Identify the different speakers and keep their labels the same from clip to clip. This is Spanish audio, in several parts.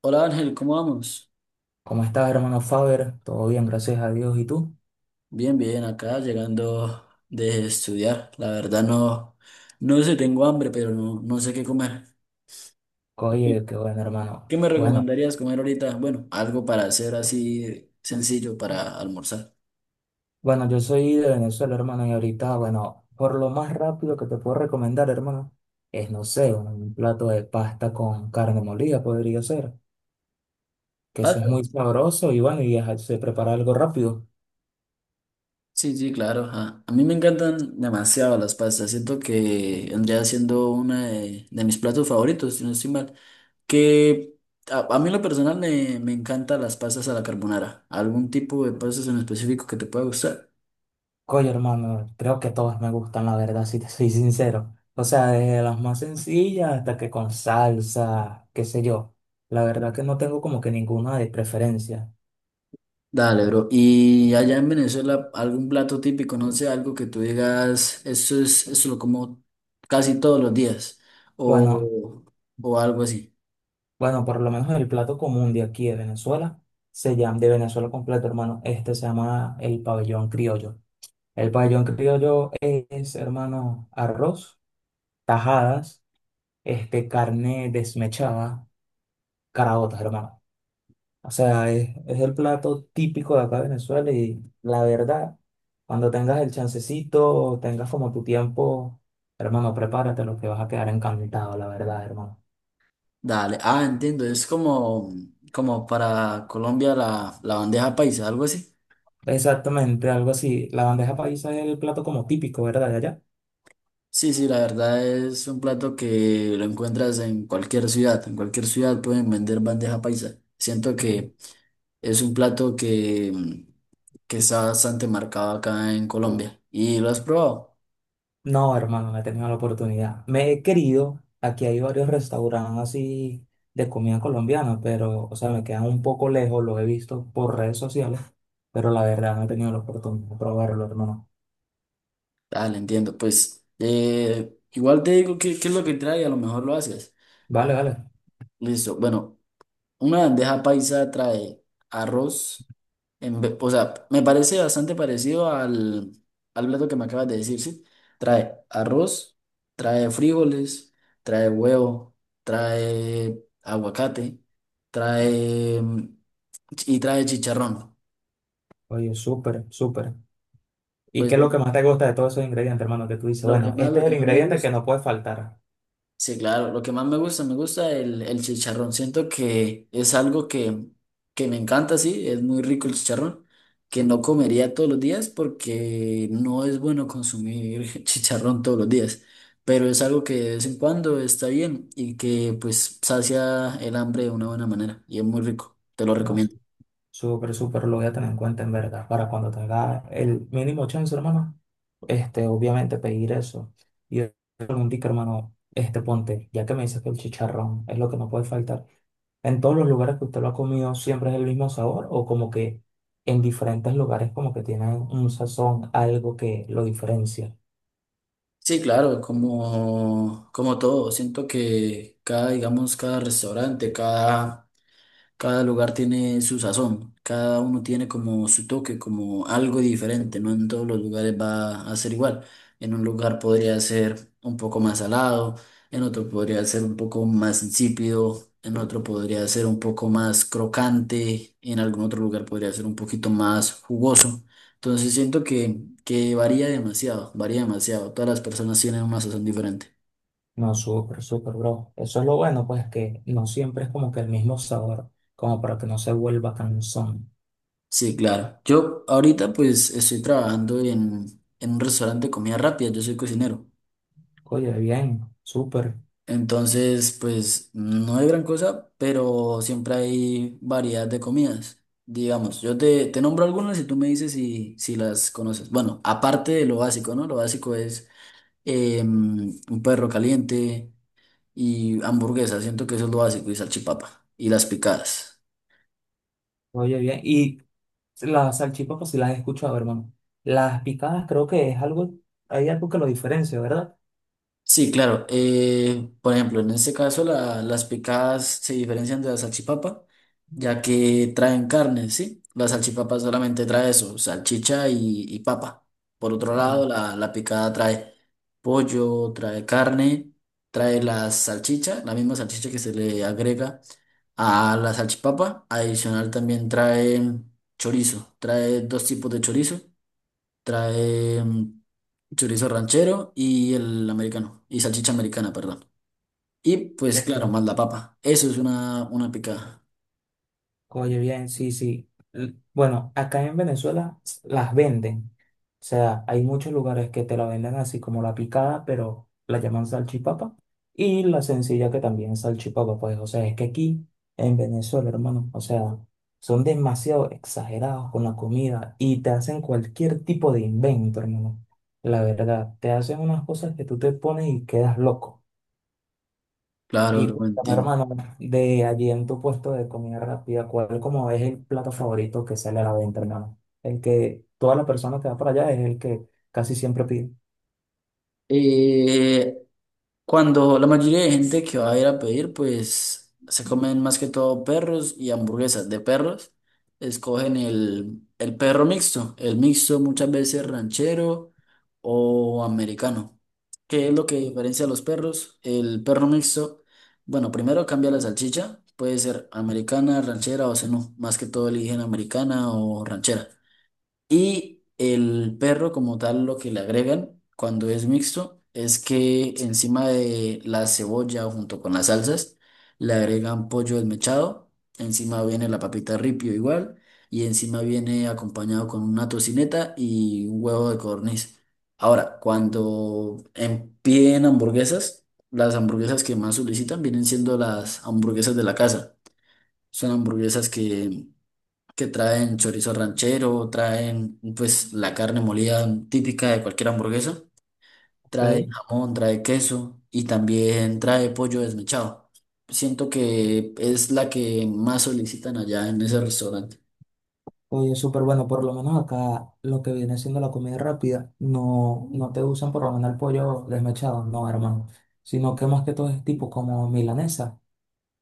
Speaker 1: Hola Ángel, ¿cómo vamos?
Speaker 2: ¿Cómo estás, hermano Faber? Todo bien, gracias a Dios. ¿Y tú?
Speaker 1: Bien, bien, acá llegando de estudiar. La verdad no, no sé, tengo hambre, pero no, no sé qué comer.
Speaker 2: Oye, qué bueno,
Speaker 1: ¿Qué
Speaker 2: hermano.
Speaker 1: me
Speaker 2: Bueno,
Speaker 1: recomendarías comer ahorita? Bueno, algo para hacer así sencillo para almorzar.
Speaker 2: bueno, yo soy de Venezuela, hermano, y ahorita, bueno, por lo más rápido que te puedo recomendar, hermano, es, no sé, un plato de pasta con carne molida podría ser, que eso es muy
Speaker 1: ¿Patas?
Speaker 2: sabroso y bueno, y se prepara algo rápido.
Speaker 1: Sí, sí, claro, ajá. A mí me encantan demasiado las pastas. Siento que vendría siendo una de mis platos favoritos, si no estoy mal. Que a mí en lo personal me encantan las pastas a la carbonara. ¿Algún tipo de pastas en específico que te pueda gustar?
Speaker 2: Oye, hermano, creo que todas me gustan, la verdad, si te soy sincero. O sea, desde las más sencillas hasta que con salsa, qué sé yo. La verdad que no tengo como que ninguna de preferencia.
Speaker 1: Dale, bro. Y allá en Venezuela, algún plato típico, no sé, algo que tú digas, eso es, eso lo como casi todos los días,
Speaker 2: Bueno,
Speaker 1: o, o algo así.
Speaker 2: bueno, por lo menos el plato común de aquí de Venezuela, se llama, de Venezuela completo, hermano, este se llama el pabellón criollo. El pabellón criollo es, hermano, arroz, tajadas, este, carne desmechada, caraotas, hermano. O sea, es el plato típico de acá de Venezuela y la verdad, cuando tengas el chancecito, tengas como tu tiempo, hermano, prepárate lo que vas a quedar encantado, la verdad, hermano.
Speaker 1: Dale. Ah, entiendo, es como, como para Colombia la bandeja paisa, algo así.
Speaker 2: Exactamente, algo así. La bandeja paisa es el plato como típico, ¿verdad? De allá.
Speaker 1: Sí, sí, la verdad es un plato que lo encuentras en cualquier ciudad. En cualquier ciudad pueden vender bandeja paisa. Siento que es un plato que está bastante marcado acá en Colombia. ¿Y lo has probado?
Speaker 2: No, hermano, no he tenido la oportunidad. Me he querido, aquí hay varios restaurantes así de comida colombiana, pero, o sea, me quedan un poco lejos, lo he visto por redes sociales, pero la verdad no he tenido la oportunidad de probarlo, hermano.
Speaker 1: Dale, entiendo. Pues igual te digo qué es lo que trae, a lo mejor lo haces.
Speaker 2: Vale, vale.
Speaker 1: Listo. Bueno, una bandeja paisa trae arroz, o sea, me parece bastante parecido al plato que me acabas de decir, ¿sí? Trae arroz, trae frijoles, trae huevo, trae aguacate, trae mm, y trae chicharrón.
Speaker 2: Oye, súper, súper. ¿Y
Speaker 1: Pues
Speaker 2: qué es lo que más te gusta de todos esos ingredientes, hermano? Que tú dices, bueno, este
Speaker 1: lo
Speaker 2: es el
Speaker 1: que más me
Speaker 2: ingrediente que
Speaker 1: gusta.
Speaker 2: no puede faltar.
Speaker 1: Sí, claro, lo que más me gusta el chicharrón. Siento que es algo que me encanta, sí, es muy rico el chicharrón, que no comería todos los días porque no es bueno consumir chicharrón todos los días, pero es algo que de vez en cuando está bien y que pues sacia el hambre de una buena manera y es muy rico, te lo
Speaker 2: No sé.
Speaker 1: recomiendo.
Speaker 2: Súper, súper, lo voy a tener en cuenta en verdad, para cuando tenga el mínimo chance, hermano, este, obviamente pedir eso. Y pregunté, hermano, este, ponte, ya que me dices que el chicharrón es lo que no puede faltar, ¿en todos los lugares que usted lo ha comido siempre es el mismo sabor o como que en diferentes lugares como que tienen un sazón, algo que lo diferencia?
Speaker 1: Sí, claro, como, como todo, siento que cada, digamos, cada restaurante, cada... Cada lugar tiene su sazón, cada uno tiene como su toque, como algo diferente, no en todos los lugares va a ser igual. En un lugar podría ser un poco más salado, en otro podría ser un poco más insípido, en otro podría ser un poco más crocante, en algún otro lugar podría ser un poquito más jugoso. Entonces siento que varía demasiado, varía demasiado. Todas las personas tienen una sazón diferente.
Speaker 2: No, súper, súper, bro. Eso es lo bueno, pues que no siempre es como que el mismo sabor, como para que no se vuelva cansón.
Speaker 1: Sí, claro. Yo ahorita pues estoy trabajando en un restaurante de comida rápida, yo soy cocinero.
Speaker 2: Oye, bien, súper.
Speaker 1: Entonces, pues no hay gran cosa, pero siempre hay variedad de comidas. Digamos, te nombro algunas y tú me dices si las conoces. Bueno, aparte de lo básico, ¿no? Lo básico es un perro caliente y hamburguesa, siento que eso es lo básico, y salchipapa y las picadas.
Speaker 2: Oye, bien. Y las salchipas, pues sí las he escuchado, hermano. Las picadas creo que es algo, hay algo que lo diferencia, ¿verdad?
Speaker 1: Sí, claro. Por ejemplo, en este caso las picadas se diferencian de la salchipapa, ya que traen carne, ¿sí? La salchipapa solamente trae eso, salchicha y papa. Por otro
Speaker 2: Ah,
Speaker 1: lado, la picada trae pollo, trae carne, trae la salchicha, la misma salchicha que se le agrega a la salchipapa. Adicional también trae chorizo, trae dos tipos de chorizo, trae mm, chorizo ranchero y el americano, y salchicha americana, perdón. Y pues claro,
Speaker 2: ok.
Speaker 1: más la papa. Eso es una picada.
Speaker 2: Oye, bien, sí, sí. Bueno, acá en Venezuela las venden. O sea, hay muchos lugares que te la venden así como la picada, pero la llaman salchipapa. Y la sencilla que también es salchipapa, pues, o sea, es que aquí en Venezuela, hermano, o sea, son demasiado exagerados con la comida y te hacen cualquier tipo de invento, hermano. La verdad, te hacen unas cosas que tú te pones y quedas loco.
Speaker 1: Claro,
Speaker 2: Y
Speaker 1: bro,
Speaker 2: cuéntame,
Speaker 1: entiendo.
Speaker 2: hermano, de allí en tu puesto de comida rápida, ¿cuál como es el plato favorito que sale a la venta, hermano? El que toda la persona que va para allá es el que casi siempre pide.
Speaker 1: Eh, Cuando la mayoría de gente que va a ir a pedir, pues se comen más que todo perros y hamburguesas de perros. Escogen el perro mixto, el mixto muchas veces ranchero o americano. ¿Qué es lo que diferencia a los perros? El perro mixto, bueno, primero cambia la salchicha, puede ser americana, ranchera o no más que todo eligen americana o ranchera. Y el perro como tal lo que le agregan cuando es mixto es que encima de la cebolla o junto con las salsas le agregan pollo desmechado, encima viene la papita ripio igual y encima viene acompañado con una tocineta y un huevo de codorniz. Ahora, cuando piden hamburguesas, las hamburguesas que más solicitan vienen siendo las hamburguesas de la casa. Son hamburguesas que traen chorizo ranchero, traen pues la carne molida típica de cualquier hamburguesa, trae
Speaker 2: Ok.
Speaker 1: jamón, trae queso y también trae pollo desmechado. Siento que es la que más solicitan allá en ese restaurante.
Speaker 2: Oye, súper bueno, por lo menos acá lo que viene siendo la comida rápida, no, no te usan por lo menos el pollo desmechado, no, hermano, sino que más que todo es tipo como milanesa.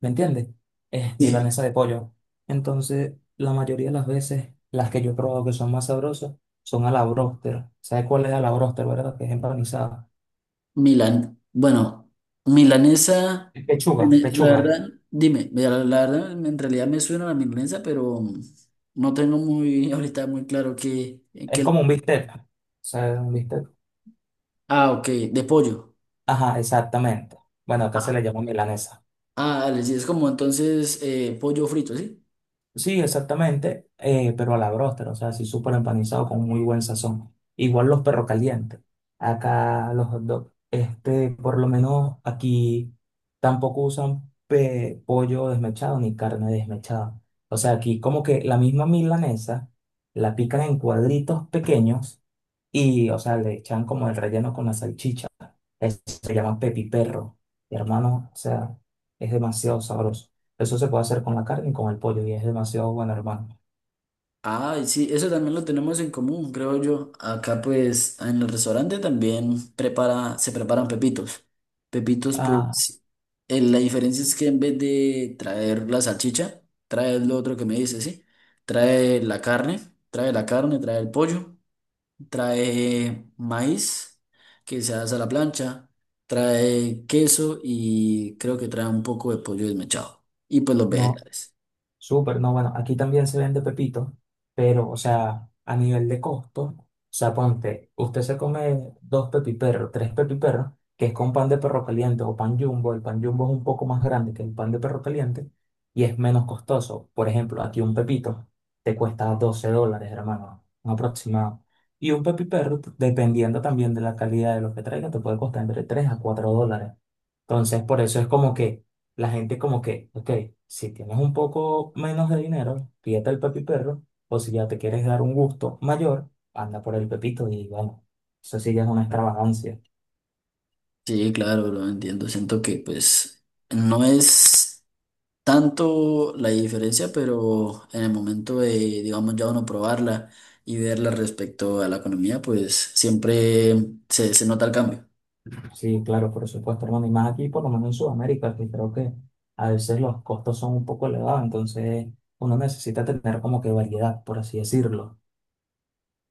Speaker 2: ¿Me entiendes? Es
Speaker 1: Sí.
Speaker 2: milanesa de pollo. Entonces, la mayoría de las veces, las que yo probo que son más sabrosas, son a la bróster. ¿Sabes cuál es a la bróster, verdad? Que es empanizada.
Speaker 1: Milan, bueno, milanesa,
Speaker 2: Es pechuga,
Speaker 1: la
Speaker 2: pechuga.
Speaker 1: verdad, dime, mira, la verdad en realidad me suena la milanesa, pero no tengo muy ahorita muy claro
Speaker 2: Es
Speaker 1: que,
Speaker 2: como un bistec. ¿Sabes un bistec?
Speaker 1: ah, ok, de pollo.
Speaker 2: Ajá, exactamente. Bueno, acá se
Speaker 1: Ah,
Speaker 2: le llama milanesa.
Speaker 1: ah, dale, sí, es como entonces pollo frito, ¿sí?
Speaker 2: Sí, exactamente, pero a la bróster, o sea, así súper empanizado con muy buen sazón. Igual los perros calientes, acá los hot dogs, este, por lo menos aquí tampoco usan pollo desmechado ni carne desmechada. O sea, aquí como que la misma milanesa la pican en cuadritos pequeños y, o sea, le echan como el relleno con la salchicha. Eso se llama pepiperro. Y hermano, o sea, es demasiado sabroso. Eso se puede hacer con la carne y con el pollo y es demasiado bueno, hermano.
Speaker 1: Ah, y sí, eso también lo tenemos en común, creo yo. Acá pues en el restaurante también prepara, se preparan pepitos. Pepitos
Speaker 2: Ah,
Speaker 1: pues, la diferencia es que en vez de traer la salchicha, trae lo otro que me dice, ¿sí? Trae la carne, trae la carne, trae el pollo, trae maíz que se hace a la plancha, trae queso y creo que trae un poco de pollo desmechado y pues los
Speaker 2: no,
Speaker 1: vegetales.
Speaker 2: súper, no, bueno, aquí también se vende pepito, pero, o sea, a nivel de costo, o sea, ponte, usted se come dos pepiperros, tres pepiperros, que es con pan de perro caliente o pan jumbo, el pan jumbo es un poco más grande que el pan de perro caliente y es menos costoso. Por ejemplo, aquí un pepito te cuesta $12, hermano, un aproximado. Y un pepiperro, dependiendo también de la calidad de lo que traiga, te puede costar entre 3 a 4 dólares. Entonces, por eso es como que la gente como que, ok, si tienes un poco menos de dinero, pídete el Pepi Perro, o si ya te quieres dar un gusto mayor, anda por el Pepito y bueno, eso sí ya es una extravagancia.
Speaker 1: Sí, claro, lo entiendo. Siento que pues no es tanto la diferencia, pero en el momento de, digamos, ya uno probarla y verla respecto a la economía, pues siempre se nota el cambio.
Speaker 2: Sí, claro, por supuesto, hermano, y más aquí, por lo menos en Sudamérica, que creo que a veces los costos son un poco elevados, entonces uno necesita tener como que variedad, por así decirlo.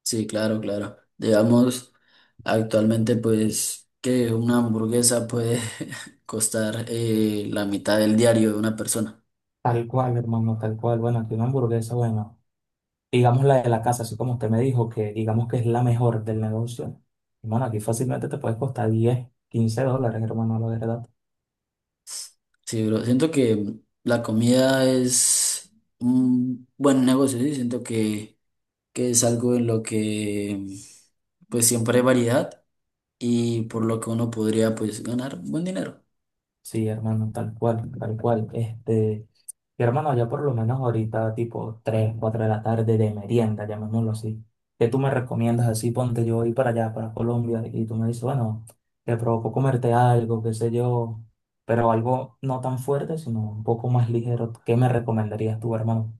Speaker 1: Sí, claro, claro. Digamos, actualmente pues que una hamburguesa puede costar la mitad del diario de una persona.
Speaker 2: Tal cual, hermano, tal cual. Bueno, aquí una hamburguesa, bueno, digamos la de la casa, así como usted me dijo, que digamos que es la mejor del negocio. Hermano, aquí fácilmente te puede costar 10 15 dólares, hermano, la verdad.
Speaker 1: Sí, bro. Siento que la comida es un buen negocio, sí. Siento que es algo en lo que pues siempre hay variedad y por lo que uno podría pues ganar buen dinero.
Speaker 2: Sí, hermano, tal cual, tal cual. Este, y hermano, ya por lo menos ahorita, tipo 3 4 de la tarde de merienda, llamémoslo así. ¿Qué tú me recomiendas así? Ponte yo voy para allá, para Colombia, y tú me dices, bueno, te provoco comerte algo, qué sé yo, pero algo no tan fuerte, sino un poco más ligero. ¿Qué me recomendarías tú, hermano?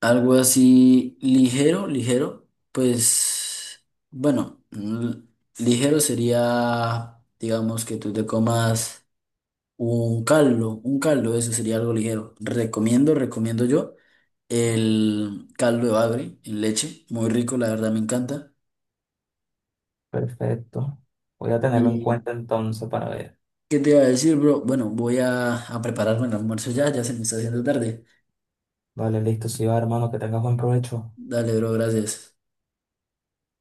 Speaker 1: Algo así ligero, ligero, pues bueno, ligero sería, digamos, que tú te comas un caldo, eso sería algo ligero. Recomiendo, recomiendo yo el caldo de bagre en leche, muy rico, la verdad me encanta.
Speaker 2: Perfecto. Voy a tenerlo en
Speaker 1: y
Speaker 2: cuenta entonces para ver.
Speaker 1: ¿Qué te iba a decir, bro? Bueno, voy a prepararme el almuerzo ya, ya se me está haciendo tarde.
Speaker 2: Vale, listo, sí va, hermano, que tengas buen provecho.
Speaker 1: Dale, bro, gracias.